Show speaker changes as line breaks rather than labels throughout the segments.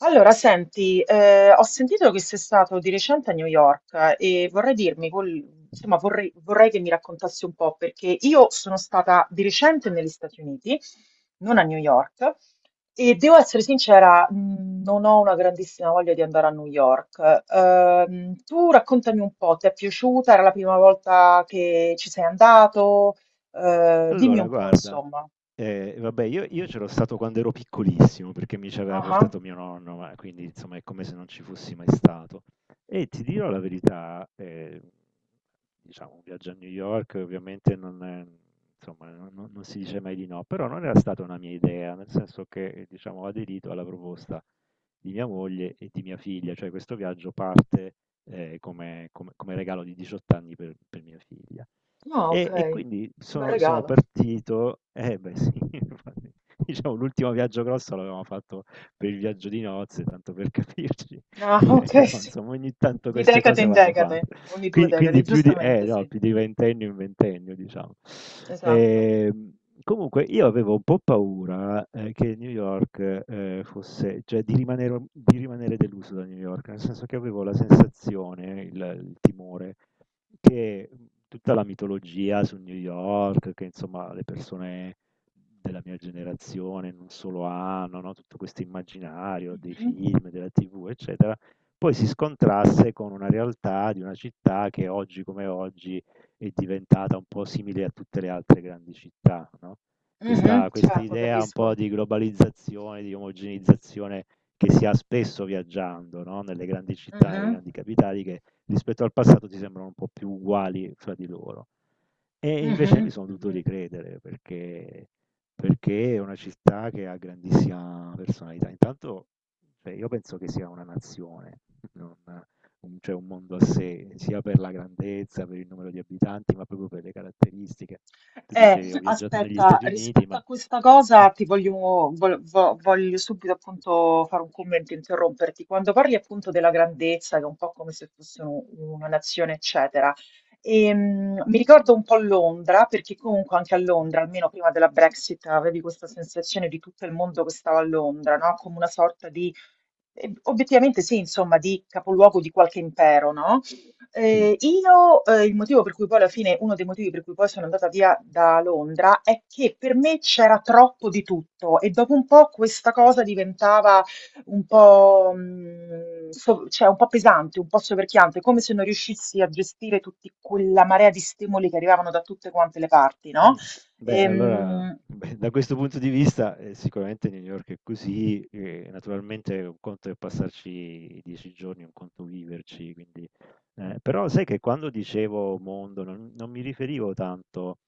Allora, senti, ho sentito che sei stato di recente a New York, e vorrei dirmi, insomma, vorrei che mi raccontassi un po', perché io sono stata di recente negli Stati Uniti, non a New York, e devo essere sincera, non ho una grandissima voglia di andare a New York. Tu raccontami un po', ti è piaciuta? Era la prima volta che ci sei andato? Dimmi
Allora,
un po',
guarda,
insomma.
vabbè, io c'ero stato quando ero piccolissimo perché mi ci aveva
Ah, ah.
portato mio nonno, ma quindi insomma è come se non ci fossi mai stato. E ti dirò la verità, diciamo, un viaggio a New York ovviamente non è- insomma, non si dice mai di no, però non era stata una mia idea, nel senso che diciamo, ho aderito alla proposta di mia moglie e di mia figlia, cioè questo viaggio parte come regalo di 18 anni per mia figlia.
No, ok,
E quindi
bel
sono
regalo.
partito beh sì, infatti, diciamo l'ultimo viaggio grosso l'avevamo fatto per il viaggio di nozze, tanto per capirci,
Ah, ok,
però
sì.
insomma ogni tanto
Di
queste
decade
cose
in
vanno
decade,
fatte.
ogni due
Quin
decadi,
quindi più di
giustamente
no,
sì,
più di ventennio in ventennio diciamo.
esatto.
Ehm, comunque io avevo un po' paura, che New York, fosse cioè di rimanere deluso da New York, nel senso che avevo la sensazione, il timore, che tutta la mitologia su New York, che insomma le persone della mia generazione non solo hanno, no? Tutto questo immaginario dei
Mhm,
film, della TV, eccetera, poi si scontrasse con una realtà di una città che oggi come oggi è diventata un po' simile a tutte le altre grandi città, no? Questa,
mhm,
questa
certo,
idea un po'
capisco.
di globalizzazione, di omogenizzazione che si ha spesso viaggiando, no? Nelle grandi città, nelle
Mhm,
grandi capitali, che rispetto al passato ti sembrano un po' più uguali fra di loro. E invece mi
mhm,
sono dovuto
mhm.
ricredere perché è una città che ha grandissima personalità. Intanto, cioè, io penso che sia una nazione, non un, cioè un mondo a sé, sia per la grandezza, per il numero di abitanti, ma proprio per le caratteristiche. Tu
Eh,
dicevi, ho viaggiato negli
aspetta,
Stati Uniti,
rispetto a
ma...
questa cosa
eh,
ti voglio subito appunto fare un commento, interromperti. Quando parli appunto della grandezza, che è un po' come se fosse una nazione, eccetera, mi ricordo un po' Londra, perché comunque anche a
mhm,
Londra, almeno prima della Brexit, avevi questa sensazione di tutto il mondo che stava a Londra, no? Come una sorta di, obiettivamente sì, insomma, di capoluogo di qualche impero, no?
sì.
Il motivo per cui poi alla fine, uno dei motivi per cui poi sono andata via da Londra è che per me c'era troppo di tutto e dopo un po' questa cosa diventava un po', cioè un po' pesante, un po' soverchiante, come se non riuscissi a gestire tutta quella marea di stimoli che arrivavano da tutte quante le parti, no?
Mh. Beh, allora,
Ehm,
beh, da questo punto di vista, sicuramente New York è così, naturalmente un conto è passarci 10 giorni, un conto viverci, quindi però sai che quando dicevo mondo non mi riferivo tanto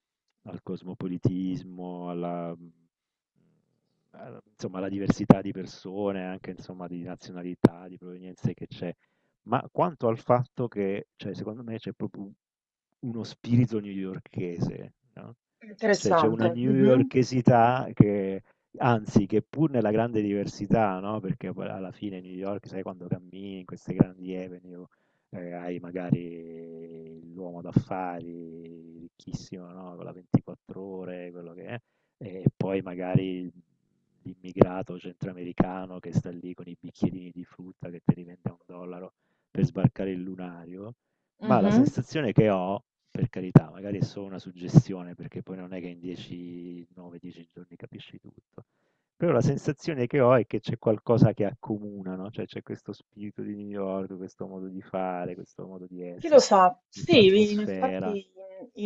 al cosmopolitismo, alla a insomma alla diversità di persone, anche insomma di nazionalità, di provenienze che c'è. Ma quanto al fatto che, cioè, secondo me c'è proprio uno spirito newyorchese, no? Cioè, c'è una
interessante. Mhm.
newyorkesità che, anzi, che pur nella grande diversità, no? Perché poi alla fine New York, sai, quando cammini in queste grandi avenue, hai magari l'uomo d'affari ricchissimo, no? Con la 24 ore, quello che è, e poi magari l'immigrato centroamericano che sta lì con i bicchierini di frutta che ti rivende a un dollaro per sbarcare il lunario, ma la
Mhm.
sensazione che ho, per carità, magari è solo una suggestione, perché poi non è che in 10, 9, 10 giorni capisci tutto, però la sensazione che ho è che c'è qualcosa che accomuna, no? Cioè c'è questo spirito di New York, questo modo di fare, questo modo di
Chi lo
essere,
sa?
questa
Sì,
atmosfera.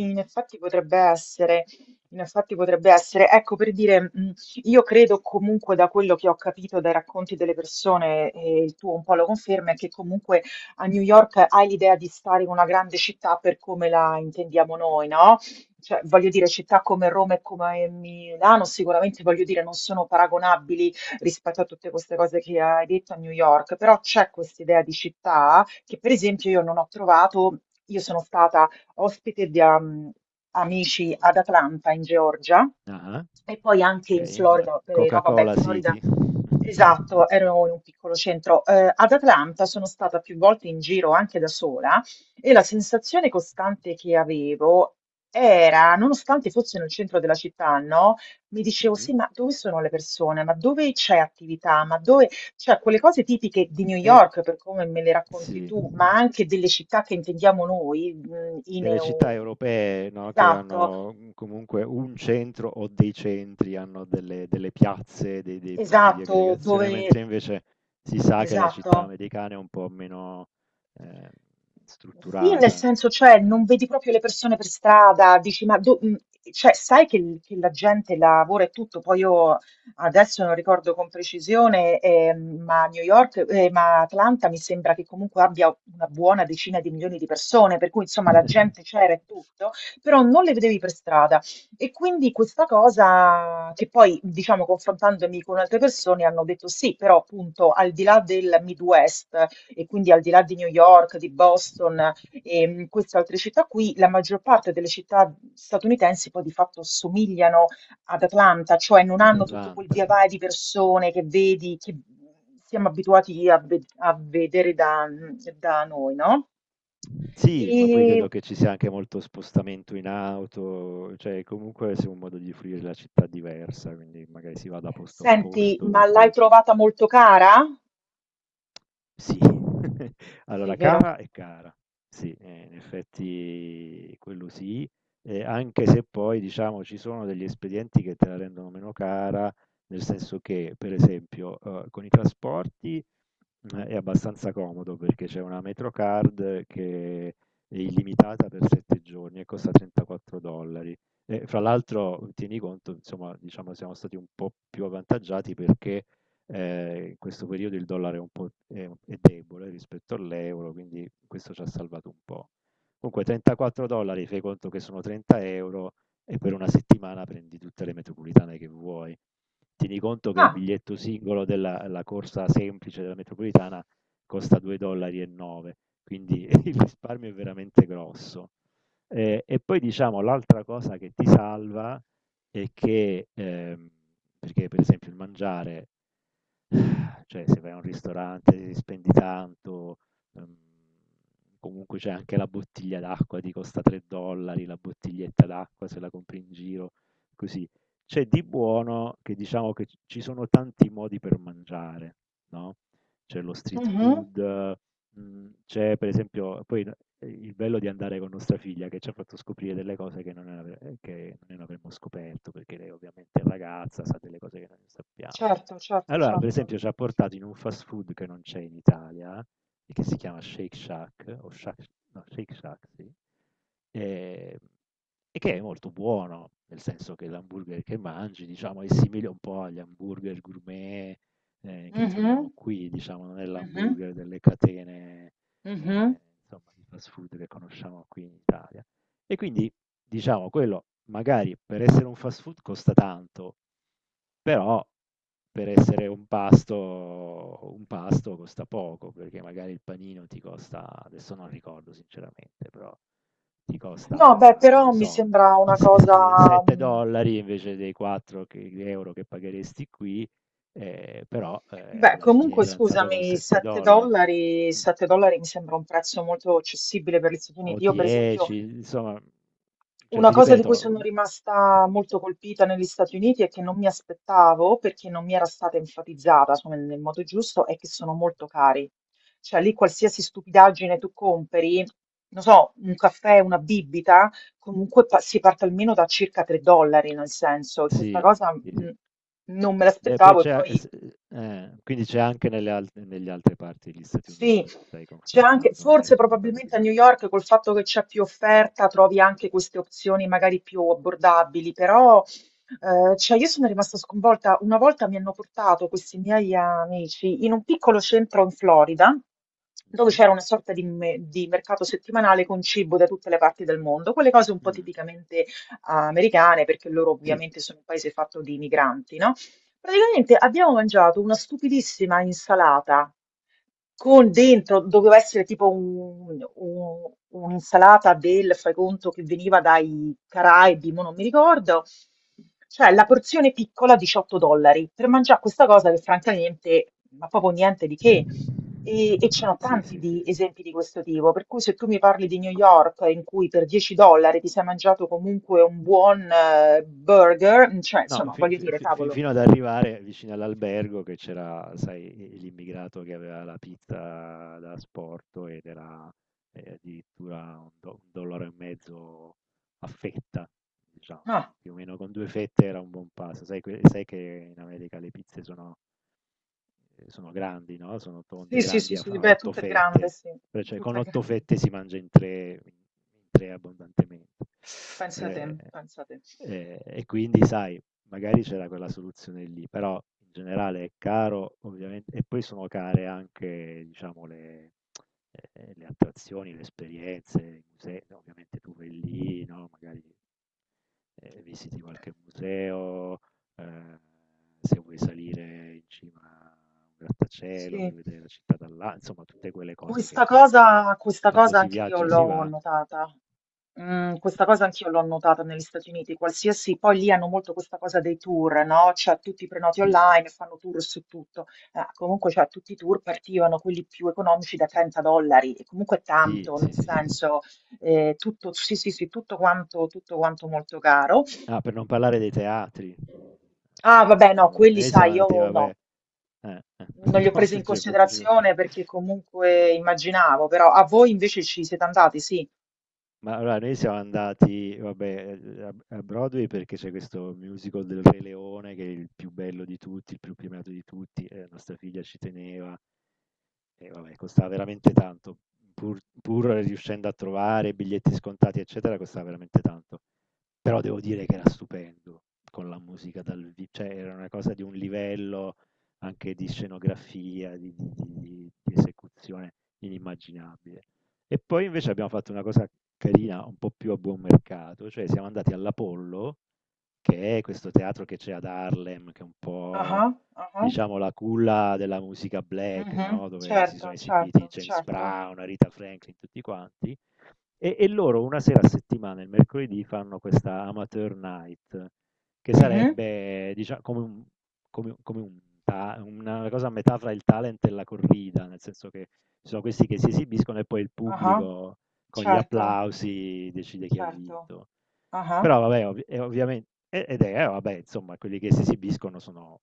Mm.
effetti potrebbe essere, in effetti potrebbe essere. Ecco, per dire, io credo comunque da quello che ho capito dai racconti delle persone, e il tuo un po' lo conferma, è che comunque a New York hai l'idea di stare in una grande città per come la intendiamo noi, no? Cioè, voglio dire, città come Roma e come Milano sicuramente, voglio dire, non sono paragonabili rispetto a tutte queste cose che hai detto a New York, però c'è questa idea di città che per esempio io non ho trovato. Io sono stata ospite di amici ad Atlanta in Georgia
Ah,
e poi anche
ok,
in
la
Florida, no, vabbè, in
Coca-Cola City.
Florida, esatto, ero in un piccolo centro. Ad Atlanta sono stata più volte in giro anche da sola e la sensazione costante che avevo era, nonostante fosse nel centro della città, no? Mi dicevo,
Mhm.
sì, ma dove sono le persone? Ma dove c'è attività? Ma dove. Cioè, quelle cose tipiche di New
E
York, per come me le racconti
sì.
tu, ma anche delle città che intendiamo noi, in
Delle città
EU.
europee, no, che
Esatto.
hanno, comunque un centro o dei centri, hanno delle piazze, dei punti di
Esatto,
aggregazione,
dove.
mentre invece si sa che la
Esatto.
città americana è un po' meno, ehm,
Sì, nel
strutturata.
senso, cioè, non
Eh.
vedi proprio le persone per strada, dici, ma cioè, sai che, che la gente lavora e tutto, poi io adesso non ricordo con precisione, ma Atlanta mi sembra che comunque abbia una buona decina di milioni di persone, per cui insomma la gente c'era e tutto, però non le vedevi per strada. E quindi questa cosa che poi, diciamo, confrontandomi con altre persone hanno detto sì, però appunto al di là del Midwest e quindi al di là di New York, di Boston e queste altre città qui, la maggior parte delle città statunitensi poi di fatto somigliano ad Atlanta, cioè non
Ad
hanno tutto quel
Atlanta.
via vai di persone che vedi, che siamo abituati a, a vedere da noi, no?
Sì, ma poi
E
credo che ci sia anche molto spostamento in auto, cioè comunque sia un modo di fruire la città diversa, quindi magari si va da posto a
senti,
posto,
ma l'hai
poi
trovata molto cara?
sì,
Sì,
allora
vero?
cara è cara, sì, in effetti quello sì, anche se poi diciamo ci sono degli espedienti che te la rendono meno cara, nel senso che per esempio con i trasporti è abbastanza comodo perché c'è una Metrocard che è illimitata per 7 giorni e costa 34 dollari. E fra l'altro tieni conto, insomma, diciamo siamo stati un po' più avvantaggiati perché in questo periodo il dollaro è un po' è debole rispetto all'euro, quindi questo ci ha salvato un po'. Comunque 34 dollari, fai conto che sono 30 euro e per una settimana prendi tutte le metropolitane che vuoi. Tieni conto che il
Ah,
biglietto singolo della la corsa semplice della metropolitana costa 2,9 dollari, e nove, quindi il risparmio è veramente grosso. E poi diciamo l'altra cosa che ti salva e che perché per esempio il mangiare, cioè se vai a un ristorante spendi tanto, ehm, comunque c'è anche la bottiglia d'acqua, ti costa 3 dollari la bottiglietta d'acqua se la compri in giro, così. C'è di buono che diciamo che ci sono tanti modi per mangiare, no? C'è lo street
mhm,
food. C'è per esempio poi n il bello di andare con nostra figlia che ci ha fatto scoprire delle cose che non ave che non avremmo scoperto, perché lei ovviamente è ragazza, sa delle cose che noi non sappiamo.
certo, certo,
Allora, per
certo.
esempio, ci ha portato in un fast food che non c'è in Italia e che si chiama Shake Shack o Shack no, Shake Shack, sì, ehm, e che è molto buono, nel senso che l'hamburger che mangi, diciamo, è simile un po' agli hamburger gourmet, che
Mhm,
troviamo qui, diciamo, non è
mhm,
l'hamburger delle catene,
mhm.
insomma, di fast food che conosciamo qui in Italia. E quindi, diciamo, quello magari per essere un fast food costa tanto, però per essere un pasto costa poco, perché magari il panino ti costa, adesso non ricordo sinceramente, però ti
No, beh,
costa, che
però
ne
mi
so,
sembra una cosa.
7
mh,
dollari invece dei 4 euro che pagheresti qui, però
Beh,
alla fine
comunque
hai pranzato con
scusami,
7
7
dollari
dollari,
mm,
7 dollari mi sembra un prezzo molto accessibile per gli Stati
o
Uniti. Io, per esempio.
10, insomma, cioè
Una
ti
cosa di cui
ripeto,
sono rimasta molto colpita negli Stati Uniti e che non mi aspettavo, perché non mi era stata enfatizzata, insomma, nel modo giusto, è che sono molto cari. Cioè lì qualsiasi stupidaggine tu compri, non so, un caffè, una bibita, comunque si parte almeno da circa 3 dollari, nel senso, e questa
sì,
cosa
sì, sì.
non me
Beh, poi
l'aspettavo e
c'è e
poi.
s quindi c'è anche nelle alt negli altre parti degli Stati
Sì,
Uniti, mi stai
c'è anche,
confermando, non è
forse
solo una cosa di
probabilmente a
là.
New York col fatto che c'è più offerta trovi anche queste opzioni magari più abbordabili, però cioè io sono rimasta sconvolta. Una volta mi hanno portato questi miei amici in un piccolo centro in Florida dove
Mh-mh.
c'era una sorta di, di mercato settimanale con cibo da tutte le parti del mondo, quelle cose un po'
Mh.
tipicamente americane perché loro
Sì,
ovviamente sono un paese fatto di migranti, no? Praticamente abbiamo mangiato una stupidissima insalata con dentro, doveva essere tipo un'insalata del, fai conto, che veniva dai Caraibi, mo non mi ricordo. Cioè, la porzione piccola 18 dollari per mangiare questa cosa che francamente, ma proprio niente di che. E c'erano
sì,
tanti
sì, sì,
di
sì.
esempi di questo tipo, per cui se tu mi parli di New York in cui per 10 dollari ti sei mangiato comunque un buon burger, cioè,
No,
insomma,
fi
voglio
fi
dire,
fi fi
cavolo.
fino ad arrivare vicino all'albergo che c'era, sai, l'immigrato che aveva la pizza da asporto ed era, addirittura un dollaro e mezzo a fetta, diciamo,
Ah,
più o meno con 2 fette era un buon pasto. Sai che in America le pizze sono sono grandi, no, sono tonde,
sì, sì, sì,
grandi
sì,
a
beh,
8
tutto è grande,
fette,
sì,
però cioè
tutto
con
è
8
grande.
fette si mangia in 3 in 3 abbondantemente.
Pensa te,
Ehm,
pensa te.
e quindi sai, magari c'era quella soluzione lì, però in generale è caro ovviamente e poi sono care anche diciamo le attrazioni, le esperienze, i musei, ovviamente tu vai lì, no, magari, visiti qualche museo. Ehm, se vuoi salire in cima a un grattacielo per
Sì.
vedere la città da là, insomma tutte quelle cose che poi
Questa
quando
cosa
si
anche io
viaggia si
l'ho
va.
notata. Mm, questa cosa anch'io l'ho notata negli Stati Uniti, qualsiasi, poi lì hanno molto questa cosa dei tour, no? Cioè tutti i prenoti
Sì,
online, fanno tour su tutto. Comunque, cioè, tutti i tour partivano, quelli più economici, da 30 dollari, e comunque è
sì,
tanto,
sì,
nel
sì, sì, sì.
senso, tutto, sì, sì, sì, tutto quanto molto caro.
Ah, per non parlare dei teatri.
Ah, vabbè, no,
Vabbè,
quelli
noi
sai,
siamo andati,
io no,
vabbè, eh, eh,
non li ho
no,
presi in
cioè, proprio,
considerazione perché comunque immaginavo, però a voi invece ci siete andati, sì.
ma allora noi siamo andati, vabbè, a Broadway perché c'è questo musical del Re Leone che è il più bello di tutti, il più premiato di tutti, nostra figlia ci teneva. E vabbè, costava veramente tanto, pur riuscendo a trovare biglietti scontati, eccetera, costava veramente tanto. Però devo dire che era stupendo con la musica dal vi cioè era una cosa di un livello anche di scenografia, di esecuzione inimmaginabile. E poi invece abbiamo fatto una cosa carina, un po' più a buon mercato, cioè siamo andati all'Apollo, che è questo teatro che c'è ad Harlem, che è un
Ah,
po'
ah, ah,
diciamo la culla della musica black,
mhm,
no, dove si
certo,
sono esibiti
certo,
James
certo.
Brown, Aretha Franklin, tutti quanti, e loro una sera a settimana, il mercoledì, fanno questa amateur night, che
Mhm,
sarebbe, diciamo, come un, come, una cosa a metà fra il talent e la corrida, nel senso che ci sono questi che si esibiscono e poi il
ah,
pubblico con gli
certo,
applausi decide chi ha
certo.
vinto.
Ah,
Però vabbè, ovviamente, ed è, vabbè, insomma, quelli che si esibiscono sono,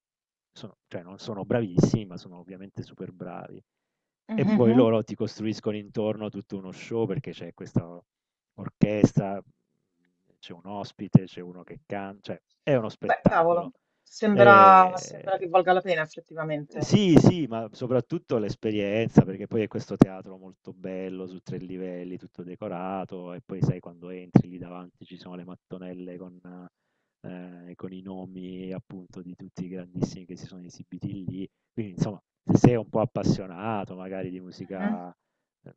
cioè non sono bravissimi, ma sono ovviamente super bravi. E
mhm,
poi
mhm.
loro ti costruiscono intorno tutto uno show perché c'è questa orchestra, c'è un ospite, c'è uno che canta, cioè è uno
Beh, cavolo,
spettacolo.
sembra che
E
valga la pena effettivamente.
sì, sì, ma soprattutto l'esperienza, perché poi è questo teatro molto bello su tre livelli, tutto decorato, e poi sai quando entri lì davanti ci sono le mattonelle con i nomi appunto di tutti i grandissimi che si sono esibiti lì. Quindi insomma, se sei un po' appassionato magari di
Mhm,
musica eh,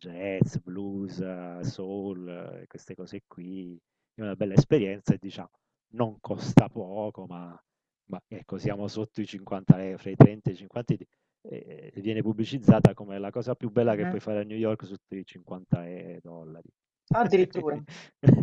jazz, blues, soul, queste cose qui, è una bella esperienza e diciamo non costa poco, ma ecco, siamo sotto i 50 e fra i 30 e i 50 e viene pubblicizzata come la cosa più bella che
mhm.
puoi fare a New York sotto i 50 e dollari.
Addirittura.
Quindi